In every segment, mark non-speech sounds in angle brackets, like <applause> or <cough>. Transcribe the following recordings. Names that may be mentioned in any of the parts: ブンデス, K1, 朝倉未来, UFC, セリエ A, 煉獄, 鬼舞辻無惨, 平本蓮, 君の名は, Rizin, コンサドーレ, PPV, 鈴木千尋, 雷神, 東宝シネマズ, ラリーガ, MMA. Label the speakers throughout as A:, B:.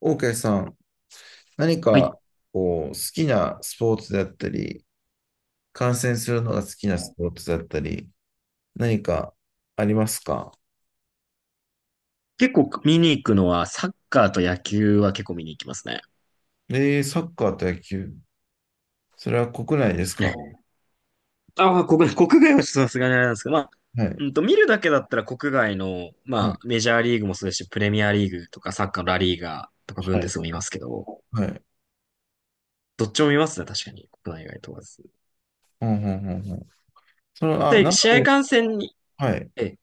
A: OK さん、何
B: はい。
A: かこう好きなスポーツだったり、観戦するのが好きなスポーツだったり、何かありますか？
B: 結構見に行くのは、サッカーと野球は結構見に行きますね。
A: えサッカーと野球。それは国内ですか？
B: ね。ああ、<laughs> 国外はちょっとさすがにあれなんですけど、まあ、
A: はい、
B: 見るだけだったら国外の、
A: は
B: ま
A: い、
B: あ、メジャーリーグもそうですし、プレミアリーグとか、サッカーのラリーガーとか、ブン
A: は
B: デ
A: い、
B: スも見ますけど、
A: はい。
B: どっちも見ますね、確かに。国内外問わず。
A: うんうんうんうん。
B: で、
A: 生
B: 試合
A: で、
B: 観戦に、
A: はい。
B: ええ、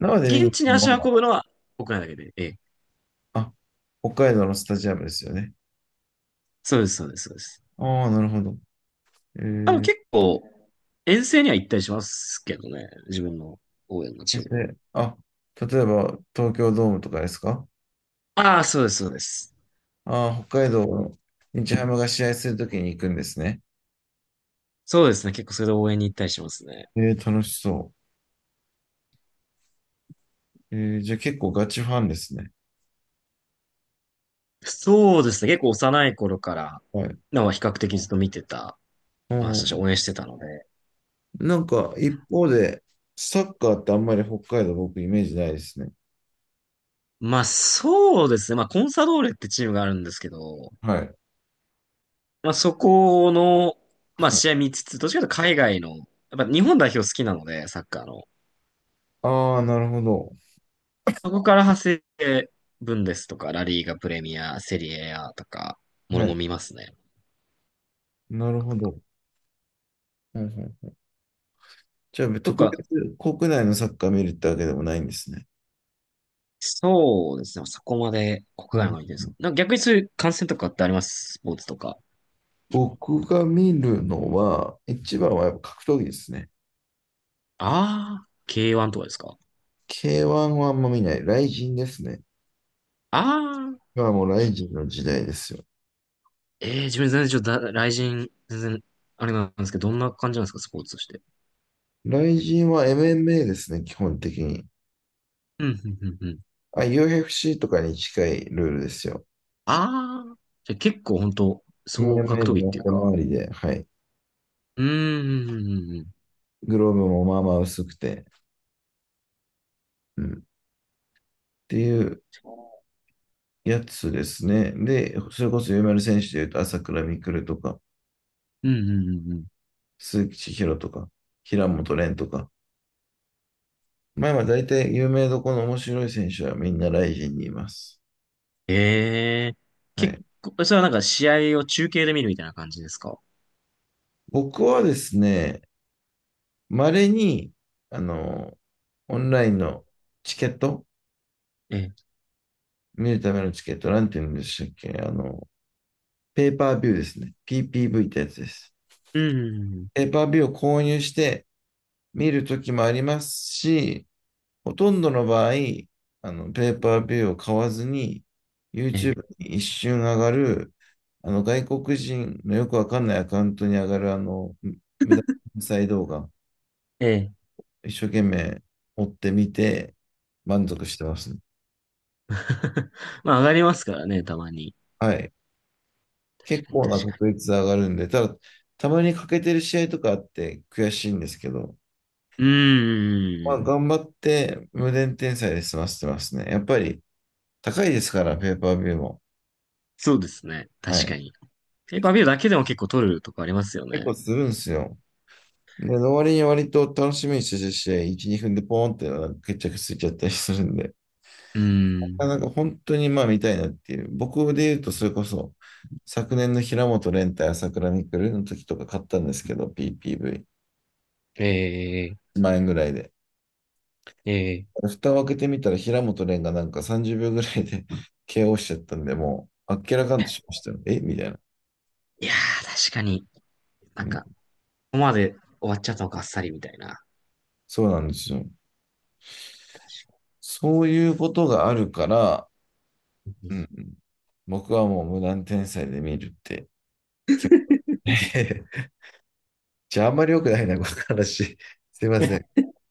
A: 生で見
B: 現
A: に
B: 地に
A: 行
B: 足
A: く
B: を
A: のは、
B: 運ぶのは国内だけで、ええ、
A: あ、北海道のスタジアムですよね。
B: そうです、そうです、そうです。
A: ああ、なるほど。え
B: あの、
A: ー、
B: 結構、遠征には行ったりしますけどね、自分の応援のチームの。
A: であ、例えば東京ドームとかですか？
B: ああ、そうです、そうです。
A: ああ、北海道の日ハムが試合するときに行くんですね。
B: そうですね。結構それで応援に行ったりしますね。
A: 楽しそう。じゃあ結構ガチファンですね。
B: そうですね。結構幼い頃から、
A: はい。
B: なんか比較的ずっと見てた、
A: う
B: まあ、そして
A: ん。
B: 応援してたので。
A: なんか一方で、サッカーってあんまり北海道僕イメージないですね。
B: まあ、そうですね。まあ、コンサドーレってチームがあるんですけど、
A: はい。
B: まあ、そこの、まあ、
A: はい、
B: 試合見つつ、どっちかというと海外の、やっぱ日本代表好きなので、サッカーの。
A: ああ、なるほど。
B: そこから派生して、ブンデスとか、ラリーガプレミア、セリエ A とか、もろ
A: は
B: も
A: い。
B: ろ見ますね。
A: なるほど。はいはい。じゃあ
B: と
A: 特
B: か、
A: 別国内のサッカー見るってわけでもないんですね。
B: そうですね。そこまで
A: う
B: 国外の
A: ん。
B: 方に行ってるんですか。なんか逆にそういう観戦とかってありますスポーツとか。
A: 僕が見るのは、一番はやっぱ格闘技ですね。
B: ああ、K1 とかですか。
A: K1 はあんま見ない。ライジンですね。
B: ああ、
A: がもうライジンの時代ですよ。
B: ええ自分全然ちょっとだ、雷神、全然、あれなんですけど、どんな感じなんですか、スポーツとして。
A: ライジンは MMA ですね、基本的に。
B: うん、うん、うん、うん。
A: あ、UFC とかに近いルールですよ。
B: ああ、じゃあ結構本当総格
A: MMA
B: 闘技っ
A: の
B: ていう
A: 手
B: か。
A: 回りで、はい。
B: うーん、うん、うん、うん、
A: グローブもまあまあ薄くて、うん。っていうやつですね。で、それこそ有名な選手でいうと、朝倉未来とか、
B: うん、うんうんうん。
A: 鈴木千尋とか、平本蓮とか。まあ今大体有名どこの面白い選手はみんなライジンにいます。
B: ええ
A: は
B: 結
A: い。
B: 構、それはなんか試合を中継で見るみたいな感じですか。
A: 僕はですね、稀に、あの、オンラインのチケット、
B: ええ、
A: 見るためのチケット、なんて言うんでしたっけ、あの、ペーパービューですね。PPV ってやつです。
B: うん、うんうん
A: ペーパービューを購入して見るときもありますし、ほとんどの場合、ペーパービューを買わずに、
B: うん、え
A: YouTube に一瞬上がる、外国人のよくわかんないアカウントに上がる、無駄な再動画、
B: え、ええ。
A: 一生懸命追ってみて、満足してます、ね。
B: <laughs> まあ、上がりますからね、たまに。
A: はい。結
B: 確かに、
A: 構な
B: 確かに。
A: 確率で上がるんで、ただ、たまに欠けてる試合とかあって悔しいんですけど、
B: う
A: ま
B: ー
A: あ、
B: ん。
A: 頑張って無限転載で済ませてますね。やっぱり高いですから、ペーパービューも。
B: そうですね。
A: は
B: 確
A: い。
B: かに。ペーパービューだけでも結構取るとこありますよ
A: 結
B: ね。
A: 構するんですよ。で、わ割に割と楽しみにしてた試合、1、2分でポーンってなんか決着ついちゃったりするんで、
B: うーん。
A: なんか本当にまあ見たいなっていう。僕で言うと、それこそ、昨年の平本蓮対朝倉未来の時とか買ったんですけど、PPV。1
B: ええ
A: 万円ぐらいで。
B: ええ
A: 蓋を開けてみたら平本蓮がなんか30秒ぐらいで <laughs> KO しちゃったんで、もう、あっけらかんとしましたよ。えみたいな、
B: いやー、確かに。な
A: う
B: ん
A: ん。
B: か、ここまで終わっちゃったのか、あっさりみたいな。
A: そうなんですよ。
B: 確か
A: そういうことがあるから、うん、
B: に。
A: 僕はもう無断天才で見るって決て。<laughs> じゃあ、あんまり良くないな、この話。<laughs> すいません。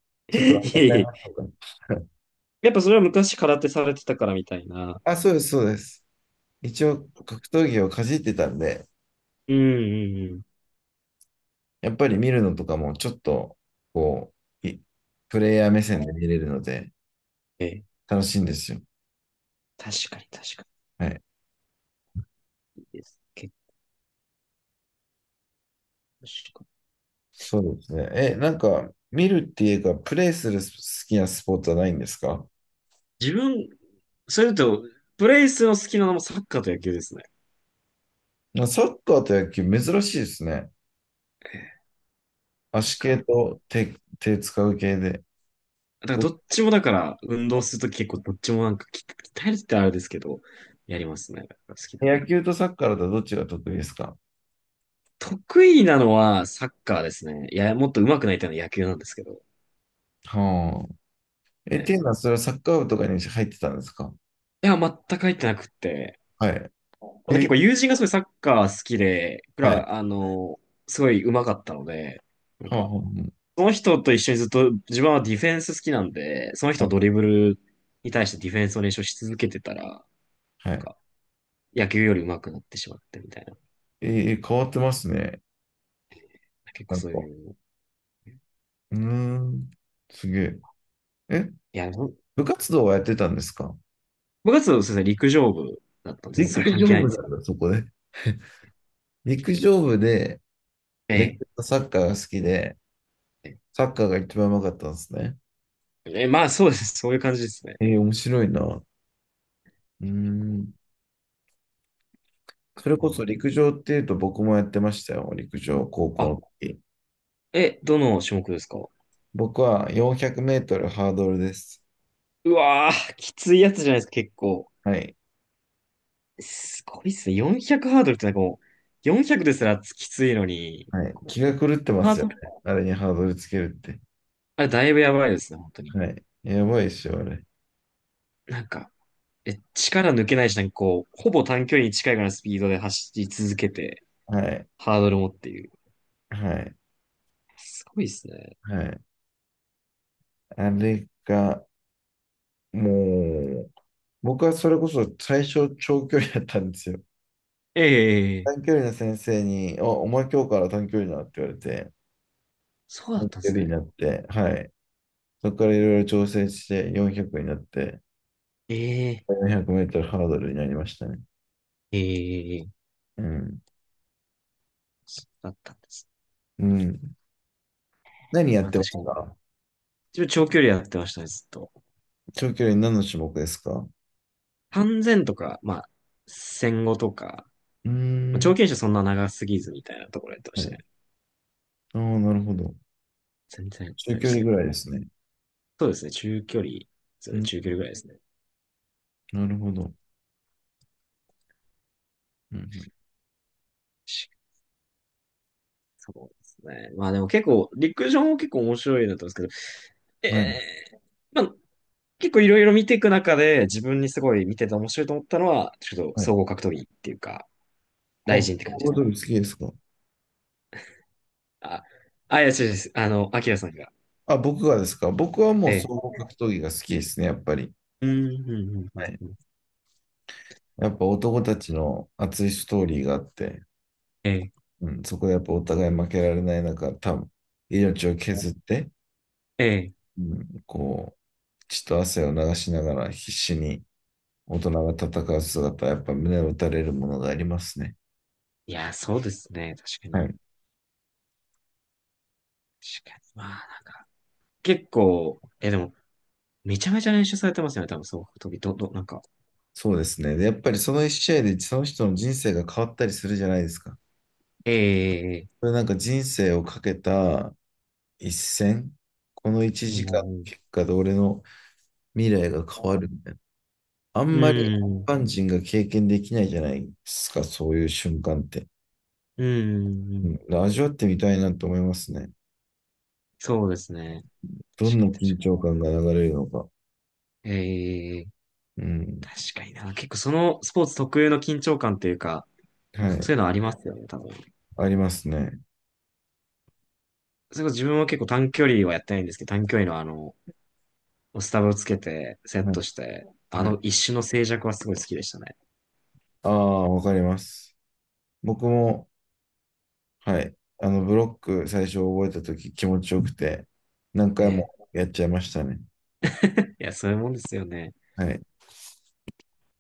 B: <laughs> い
A: ちょっと
B: え
A: 忘れちゃ
B: い
A: いま
B: え。
A: したか。
B: やっぱそれは昔空手されてたからみたいな。
A: <laughs> あ、そうです、そうです。一応、格闘技をかじってたんで、
B: うんうんうん。
A: やっぱり見るのとかもちょっと、こう、プレイヤー目線で見れるので、
B: ええ。
A: 楽しいんですよ。
B: 確かに確か
A: はい。
B: に。いいです。結構確かに
A: そうですね。え、なんか、見るっていうか、プレイする好きなスポーツはないんですか？
B: 自分、それだと、プレイスの好きなのもサッカーと野球ですね。
A: なサッカーと野球、珍しいですね。
B: ええなん
A: 足系
B: か、
A: と手、手使う系で。
B: だから
A: ど
B: どっちもだから、運動するとき結構どっちもなんか鍛えるってあれですけど、やりますね。好きだ。
A: 野球とサッカーだとどっちが得意ですか？
B: 得意なのはサッカーですね。いや、もっと上手くなりたいのは野球なんですけど。
A: はあ。え、っていう
B: え
A: の
B: え
A: は、それはサッカー部とかに入ってたんですか？
B: いや、全く入ってなくって。
A: はい。
B: また結
A: え、
B: 構友人がすごいサッカー好きで、僕
A: はい。
B: ら、あの、すごい上手かったので、なん
A: はあ、
B: か、
A: は
B: その人と一緒にずっと、自分はディフェンス好きなんで、その
A: あ、
B: 人の
A: は
B: ドリブルに対してディフェンスを練習し続けてたら、
A: あ
B: な
A: は
B: ん
A: い。は
B: か、
A: い。
B: 野球より上手くなってしまってみたいな。
A: えー変わってますね。
B: 結構
A: なん
B: そう
A: か。
B: いう
A: うーん。すげえ。え、
B: いや、ほん
A: 部活動はやってたんですか？
B: 部そうですね、陸上部だったので、全然
A: 陸
B: それ関係
A: 上
B: ないん
A: 部
B: です
A: なん
B: よ。
A: だ、そこで。陸上部で
B: え
A: 野球
B: え。
A: とサッカーが好きで、
B: え
A: サッカーが一番うまかったんですね。
B: え、えまあ、そうです。そういう感じですね。
A: えー面白いな。うー
B: こ
A: ん。
B: う
A: それこそ
B: か
A: 陸上っていうと僕もやってましたよ。陸上、高校
B: あ、
A: の時。
B: え、どの種目ですか。
A: 僕は400メートルハードルです。
B: うわー、きついやつじゃないですか、結構。
A: はい。
B: すごいっすね。400ハードルってなんかもう、400ですらきついのに、
A: はい。
B: こ
A: 気
B: う、
A: が狂ってま
B: ハー
A: すよ
B: ドル、
A: ね。あれにハードルつけるって。
B: あれだいぶやばいですね、本当に。
A: はい。やばいっしょ、あれ。
B: なんか、え、力抜けないし、なんかこう、ほぼ短距離に近いぐらいのスピードで走り続けて、
A: はい。
B: ハードルもっていう。
A: はい。
B: すごいっすね。
A: はい。あれが、もう、僕はそれこそ最初長距離だったんですよ。
B: ええ
A: 短距離の先生に、お前今日から短距離だって言われて、
B: そうだ
A: 短
B: ったんで
A: 距
B: す
A: 離に
B: ね。
A: なって、はい。そこからいろいろ調整して400になって、
B: ええ、
A: 400メートルハードルになりましたね。
B: ええ、
A: うん。
B: そうだったんですね。
A: うん。何や
B: ま
A: っ
B: あ
A: てま
B: 確か
A: し
B: に。
A: た？
B: 自分長距離やってましたね、ずっと。
A: 長距離何の種目ですか？
B: 3 0とか、まあ、1 5とか、
A: うー
B: まあ、長
A: ん。
B: 距離じゃそんな長すぎずみたいなところやってま
A: は
B: したね。
A: い。ああ、なるほど。
B: 全然、あ
A: 中
B: れで
A: 距
B: し
A: 離
B: た
A: ぐ
B: け
A: らいで
B: ど。
A: すね。
B: そうですね、中距離、そ
A: う
B: う
A: ん。
B: 中距離ぐらいですね。
A: なるほど。うん。
B: しそうですね。まあでも結構、陸上も結構面白いなと思うんですけど、
A: うん
B: え
A: はい。
B: え、まあ、結構いろいろ見ていく中で、自分にすごい見てて面白いと思ったのは、ちょっと
A: はい。あ、
B: 総合格闘技っていうか、大
A: 総
B: 臣って感じ
A: 合
B: です
A: 格
B: か。
A: 闘技好きですか？
B: あ、あ、いや、違う違う、あの、アキラさんが。
A: あ、僕がですか？僕はもう総
B: ええ。
A: 合格闘技が好きですね、やっぱり。
B: うん、うん、うん、う
A: は
B: ん。
A: い。
B: うん
A: やっぱ男たちの熱いストーリーがあって、
B: ええ、
A: うん、そこでやっぱお互い負けられない中、多分命を削って、
B: ええ。
A: うん、こう、血と汗を流しながら必死に大人が戦う姿、やっぱ胸を打たれるものがありますね。
B: いや、そうですね。確か
A: は
B: に。
A: い。
B: 確かに。まあ、結構、え、でも、めちゃめちゃ練習されてますよね。多分、そう、時、なんか。
A: そうですね。で、やっぱりその一試合でその人の人生が変わったりするじゃないですか。
B: ええ、ええ、
A: これなんか人生をかけた一戦、この一
B: う
A: 時
B: ん、
A: 間の
B: うん、
A: 結果で俺の未来が変わるみたいな。あん
B: う
A: まり一
B: ん、
A: 般人が経験できないじゃないですか、そういう瞬間って。
B: うん、う
A: う
B: ん
A: ん、味わってみたいなと思いますね。
B: そうですね。
A: ど
B: 確
A: ん
B: か
A: な
B: に、
A: 緊
B: 確
A: 張
B: か
A: 感が流れるのか。
B: に。ええ、
A: うん。
B: 確かにな。結構、そのスポーツ特有の緊張感というか、なん
A: は
B: かそ
A: い。
B: ういうのありますよね、多分。
A: ありますね。
B: それこそ自分は結構短距離はやってないんですけど、短距離のあの、スタバをつけて、セッ
A: は
B: ト
A: い。
B: して、あ
A: はい。
B: の一種の静寂はすごい好きでしたね。
A: ああ、わかります。僕も、はい。ブロック最初覚えたとき気持ちよくて、何回
B: え
A: も
B: え。
A: やっちゃいましたね。
B: いや、そういうもんですよね。
A: はい。